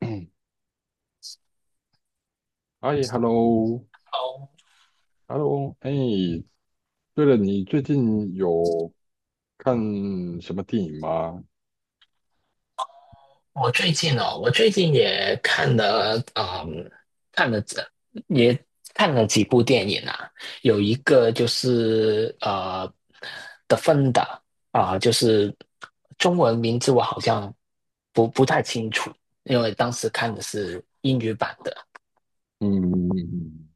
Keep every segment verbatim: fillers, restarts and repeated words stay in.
嗯。哎，hello，hello。哦，哎，对了，你最近有看什么电影吗？我最近哦，我最近也看了，嗯，看了这也看了几部电影啊。有一个就是呃，《The Founder》 啊，就是中文名字我好像不不太清楚，因为当时看的是英语版的。嗯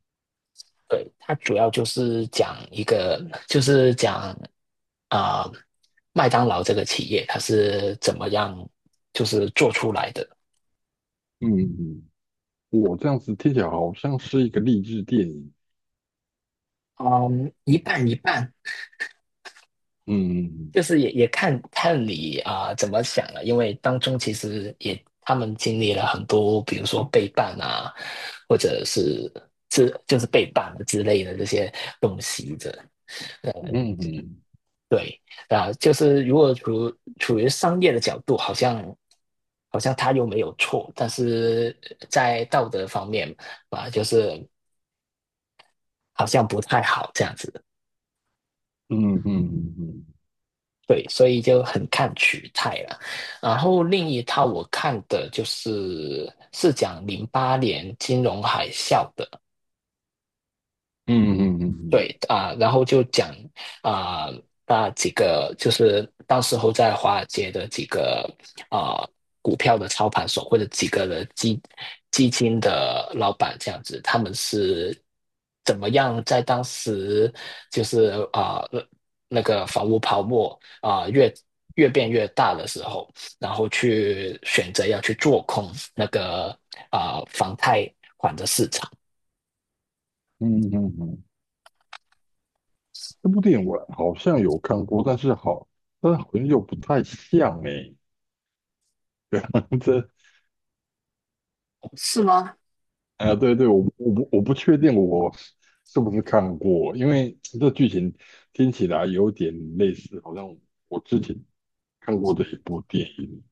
对，它主要就是讲一个，就是讲啊、呃麦当劳这个企业它是怎么样就是做出来的。嗯。嗯，我这样子听起来好像是一个励志电影。嗯，一半一半，嗯就是也也看看你啊、呃怎么想了，因为当中其实也他们经历了很多，比如说背叛啊，或者是之就是背叛之类的这些东西的。嗯嗯对啊，就是如果处处于商业的角度，好像好像他又没有错，但是在道德方面啊，就是好像不太好这样子。嗯嗯嗯对，所以就很看取态了。然后另一套我看的就是是讲零八年金融海啸的，嗯对啊、然后就讲啊、那几个就是当时候在华尔街的几个啊、股票的操盘手或者几个的基基金的老板这样子，他们是怎么样在当时就是啊、那个房屋泡沫啊、越越变越大的时候，然后去选择要去做空那个啊、房贷。嗯嗯嗯。这部电影我好像有看过，但是好，但好像又不太像哎。这样子。是吗？啊，对对，我我不我不确定我是不是看过，因为这剧情听起来有点类似，好像我之前看过的一部电影，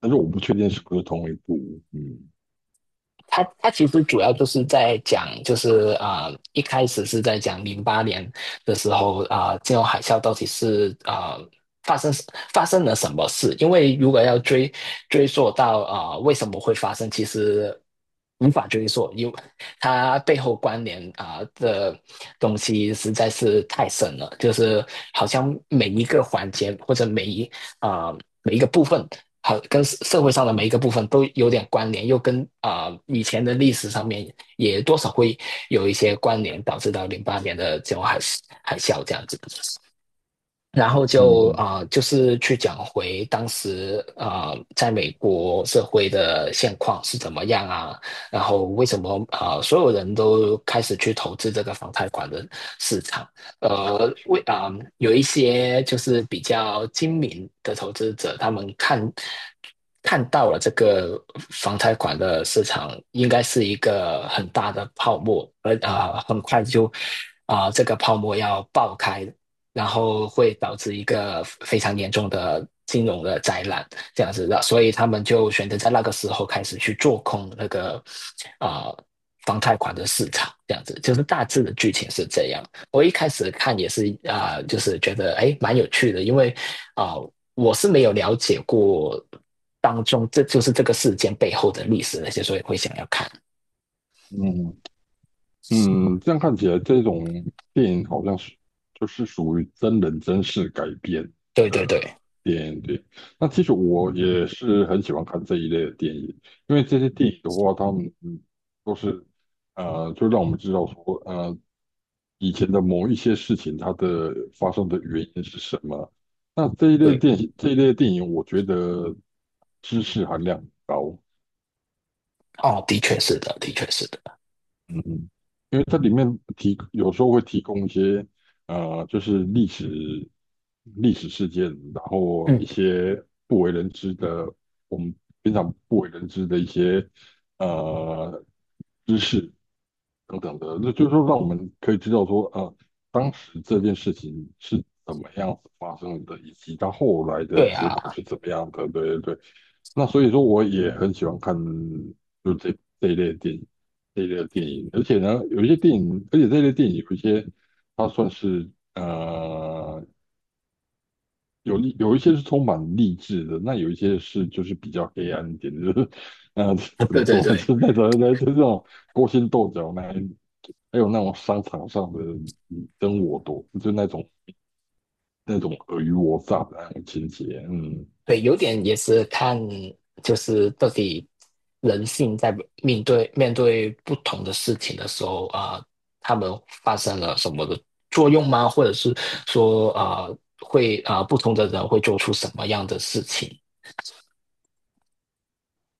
但是我不确定是不是同一部。嗯他他其实主要就是在讲，就是啊、呃一开始是在讲零八年的时候啊、呃金融海啸到底是啊、呃发生发生了什么事？因为如果要追追溯到啊、呃为什么会发生，其实无法追溯，因为它背后关联啊、的东西实在是太深了，就是好像每一个环节或者每一啊、呃每一个部分和跟社会上的每一个部分都有点关联，又跟啊、呃以前的历史上面也多少会有一些关联，导致到零八年的这种海海啸这样子。然后就嗯啊、呃就是去讲回当时啊、呃在美国社会的现况是怎么样啊，然后为什么啊、呃所有人都开始去投资这个房贷款的市场，呃，为啊、有一些就是比较精明的投资者，他们看看到了这个房贷款的市场应该是一个很大的泡沫，而啊、很快就啊、这个泡沫要爆开，然后会导致一个非常严重的金融的灾难，这样子的，所以他们就选择在那个时候开始去做空那个啊、呃房贷款的市场，这样子就是大致的剧情是这样。我一开始看也是啊、呃就是觉得哎蛮有趣的，因为啊、呃我是没有了解过当中这就是这个事件背后的历史那些，所以会想要看。嗯嗯。嗯，这样看起来，这种电影好像是就是属于真人真事改编对的对对电影。对，那其实我也是很喜欢看这一类的电影，因为这些电影的话，他们嗯都是呃，就让我们知道说，呃，以前的某一些事情它的发生的原因是什么。那这一类对，电影，这一类电影，我觉得知识含量很高。哦，的确是的，的确是的。嗯，因为它里面提有时候会提供一些呃，就是历史历史事件，然后一嗯，些不为人知的，我们平常不为人知的一些呃知识等等的，那就是说让我们可以知道说，呃，当时这件事情是怎么样子发生的，以及它后来的对结果啊，是怎么样的。对对对，那所以说我也很喜欢看就这这一类的电影。这一类的电影，而且呢，有一些电影，而且这类电影有一些，它算是呃有励，有一些是充满励志的，那有一些是就是比较黑暗一点的，就是呃怎对么对说，就对。是那种就是这种勾心斗角那一，还有那种商场上的你争我夺，就那种那种尔虞我诈的那种情节。嗯对，有点也是看，就是到底人性在面对面对不同的事情的时候啊、呃他们发生了什么的作用吗？或者是说啊、呃会啊、呃不同的人会做出什么样的事情？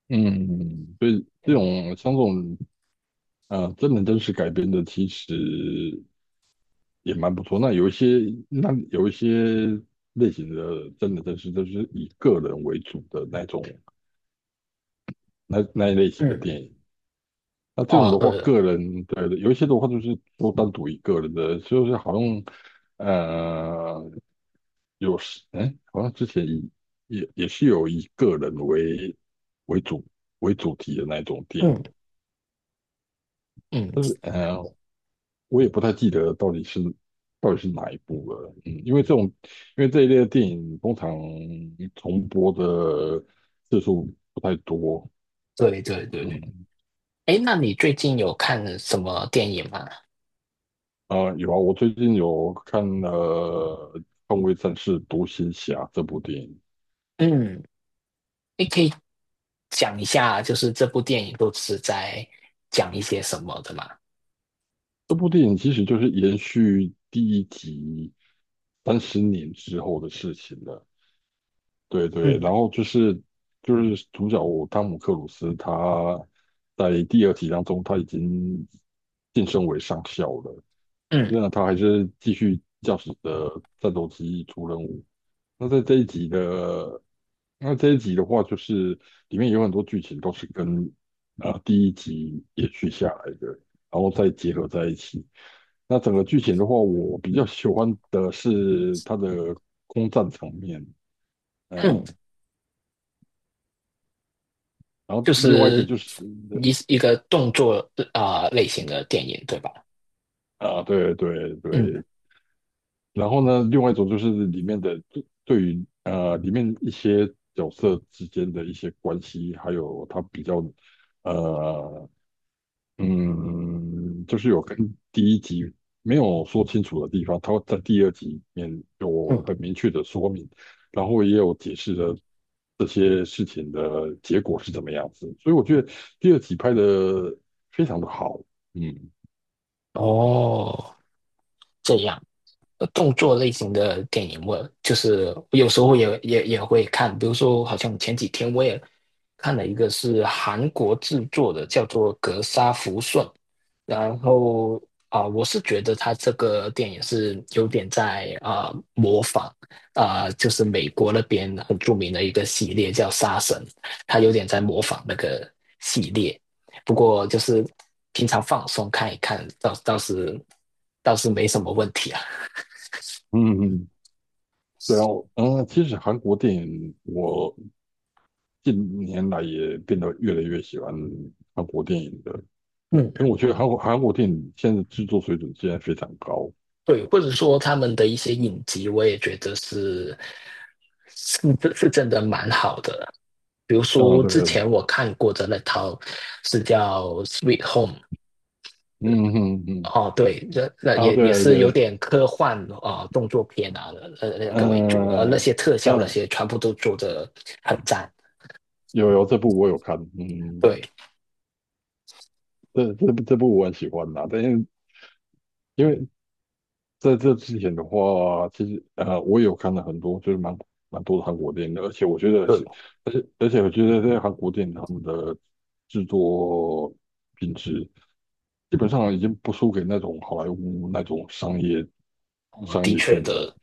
嗯，所以这嗯种像这种呃真人真事改编的，其实也蛮不错。那有一些，那有一些类型的，真的真是都是以个人为主的那种，那那一类型的嗯，电影。那这种哦，的话，对了，个人对，有一些的话，就是说单独一个人的，就是好像呃，有时哎，好像之前以也也是有以个人为为主为主题的那种电嗯影，嗯，但是呃，我也不太记得到底是到底是哪一部了，嗯，因为这种因为这一类的电影通常重播的次数不太多。对对对。嗯。哎，那你最近有看什么电影吗？啊，有啊，我最近有看了《捍卫战士独行侠》这部电影。嗯，你可以讲一下，就是这部电影都是在讲一些什么的吗？这部电影其实就是延续第一集三十年之后的事情了。对对，嗯然后就是就是主角汤姆克鲁斯，他在第二集当中他已经晋升为上校了，虽嗯然他还是继续驾驶着战斗机出任务。那在这一集的那这一集的话，就是里面有很多剧情都是跟呃第一集延续下来的，然后再结合在一起。那整个剧情的话，我比较喜欢的是它的空战场面。嗯。呃，然后就另外一个是就是一一个动作啊、呃类型的电影，对吧？啊，对对嗯对，然后呢，另外一种就是里面的对对于呃里面一些角色之间的一些关系，还有它比较呃嗯，就是有跟第一集没有说清楚的地方，它在第二集里面有嗯，很明确的说明，然后也有解释了这些事情的结果是怎么样子，所以我觉得第二集拍的非常的好。嗯。哦，这样呃动作类型的电影，我就是有时候也也也会看，比如说好像前几天我也看了一个是韩国制作的，叫做《格杀福顺》，然后啊、我是觉得他这个电影是有点在啊、模仿啊、就是美国那边很著名的一个系列叫《杀神》，他有点在模仿那个系列。不过就是平常放松看一看，倒倒是倒是没什么问题啊。嗯嗯嗯。对啊，我嗯，其实韩国电影我近年来也变得越来越喜欢韩国电影的，嗯，因为我觉得韩国韩国电影现在制作水准现在非常高。对，或者说他们的一些影集，我也觉得是是是真的蛮好的。比如嗯，说之对。前我看过的那套是叫《Sweet Home》。嗯嗯嗯。哦，对，那那啊，也也对是对有对。点科幻啊、呃动作片啊，呃那个为主的，而那嗯些特效那嗯，些全部都做的很赞。有有这部我有看。嗯，对这这部这部我很喜欢呐，但因为因为在这之前的话，其实呃，我有看了很多，就是蛮蛮多的韩国电影的，而且我觉得对，是，而且而且我觉得在韩国电影他们的制作品质基本上已经不输给那种好莱坞那种商业嗯，商的业确片的。的。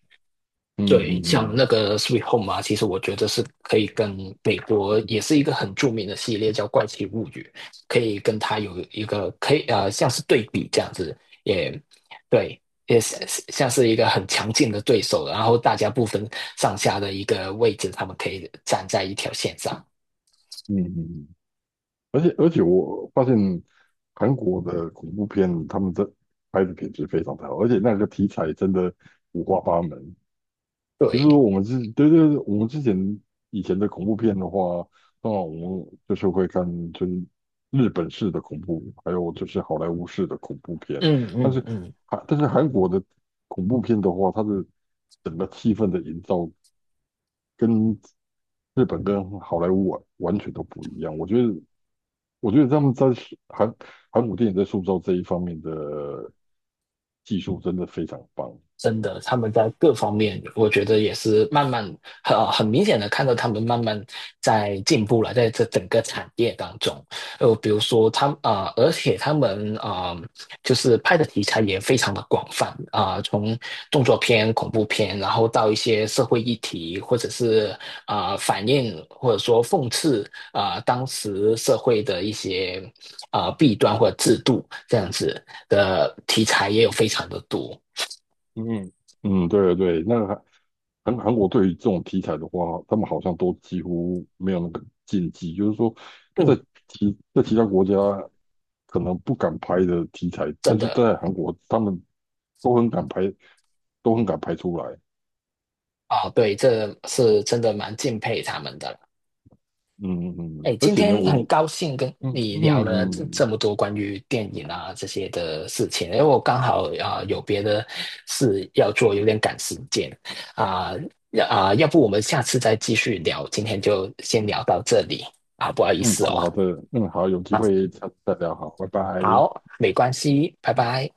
嗯对，嗯像嗯那个《Sweet Home》啊，其实我觉得是可以跟美国也是一个很著名的系列，叫《怪奇物语》，可以跟它有一个可以呃像是对比这样子。也对，也是像是一个很强劲的对手，然后大家不分上下的一个位置，他们可以站在一条线上。嗯嗯。嗯而且而且我发现韩国的恐怖片他们的拍的品质非常的好，而且那个题材真的五花八门，就是说对，我们之对对对，我们之前以前的恐怖片的话，那我们就是会看就是日本式的恐怖，还有就是好莱坞式的恐怖片。嗯但嗯是嗯。韩但是韩国的恐怖片的话，它的整个气氛的营造跟日本跟好莱坞完完全都不一样。我觉得我觉得他们在韩韩国电影在塑造这一方面的技术真的非常棒。真的，他们在各方面，我觉得也是慢慢很、呃很明显的看到他们慢慢在进步了，在这整个产业当中，呃，比如说他啊、呃而且他们啊、呃就是拍的题材也非常的广泛啊、呃从动作片、恐怖片，然后到一些社会议题，或者是啊、呃反映或者说讽刺啊、呃当时社会的一些啊、呃弊端或者制度这样子的题材也有非常的多。嗯嗯，对对，对，那个韩韩国对于这种题材的话，他们好像都几乎没有那个禁忌，就是说在嗯，其在其他国家可能不敢拍的题材，真但是的在韩国他们都很敢拍，都很敢拍出来。啊，对，这是真的蛮敬佩他们的了。嗯嗯。嗯哎，而今且呢，天我很就高兴跟嗯你嗯聊嗯了这这嗯。么多关于电影啊这些的事情，因为我刚好啊、有别的事要做，有点赶时间啊要啊，要不我们下次再继续聊，今天就先聊到这里啊，不好意嗯，思好哦的好的。嗯，好，有机啊，会再再聊。好，拜拜。好，没关系，拜拜。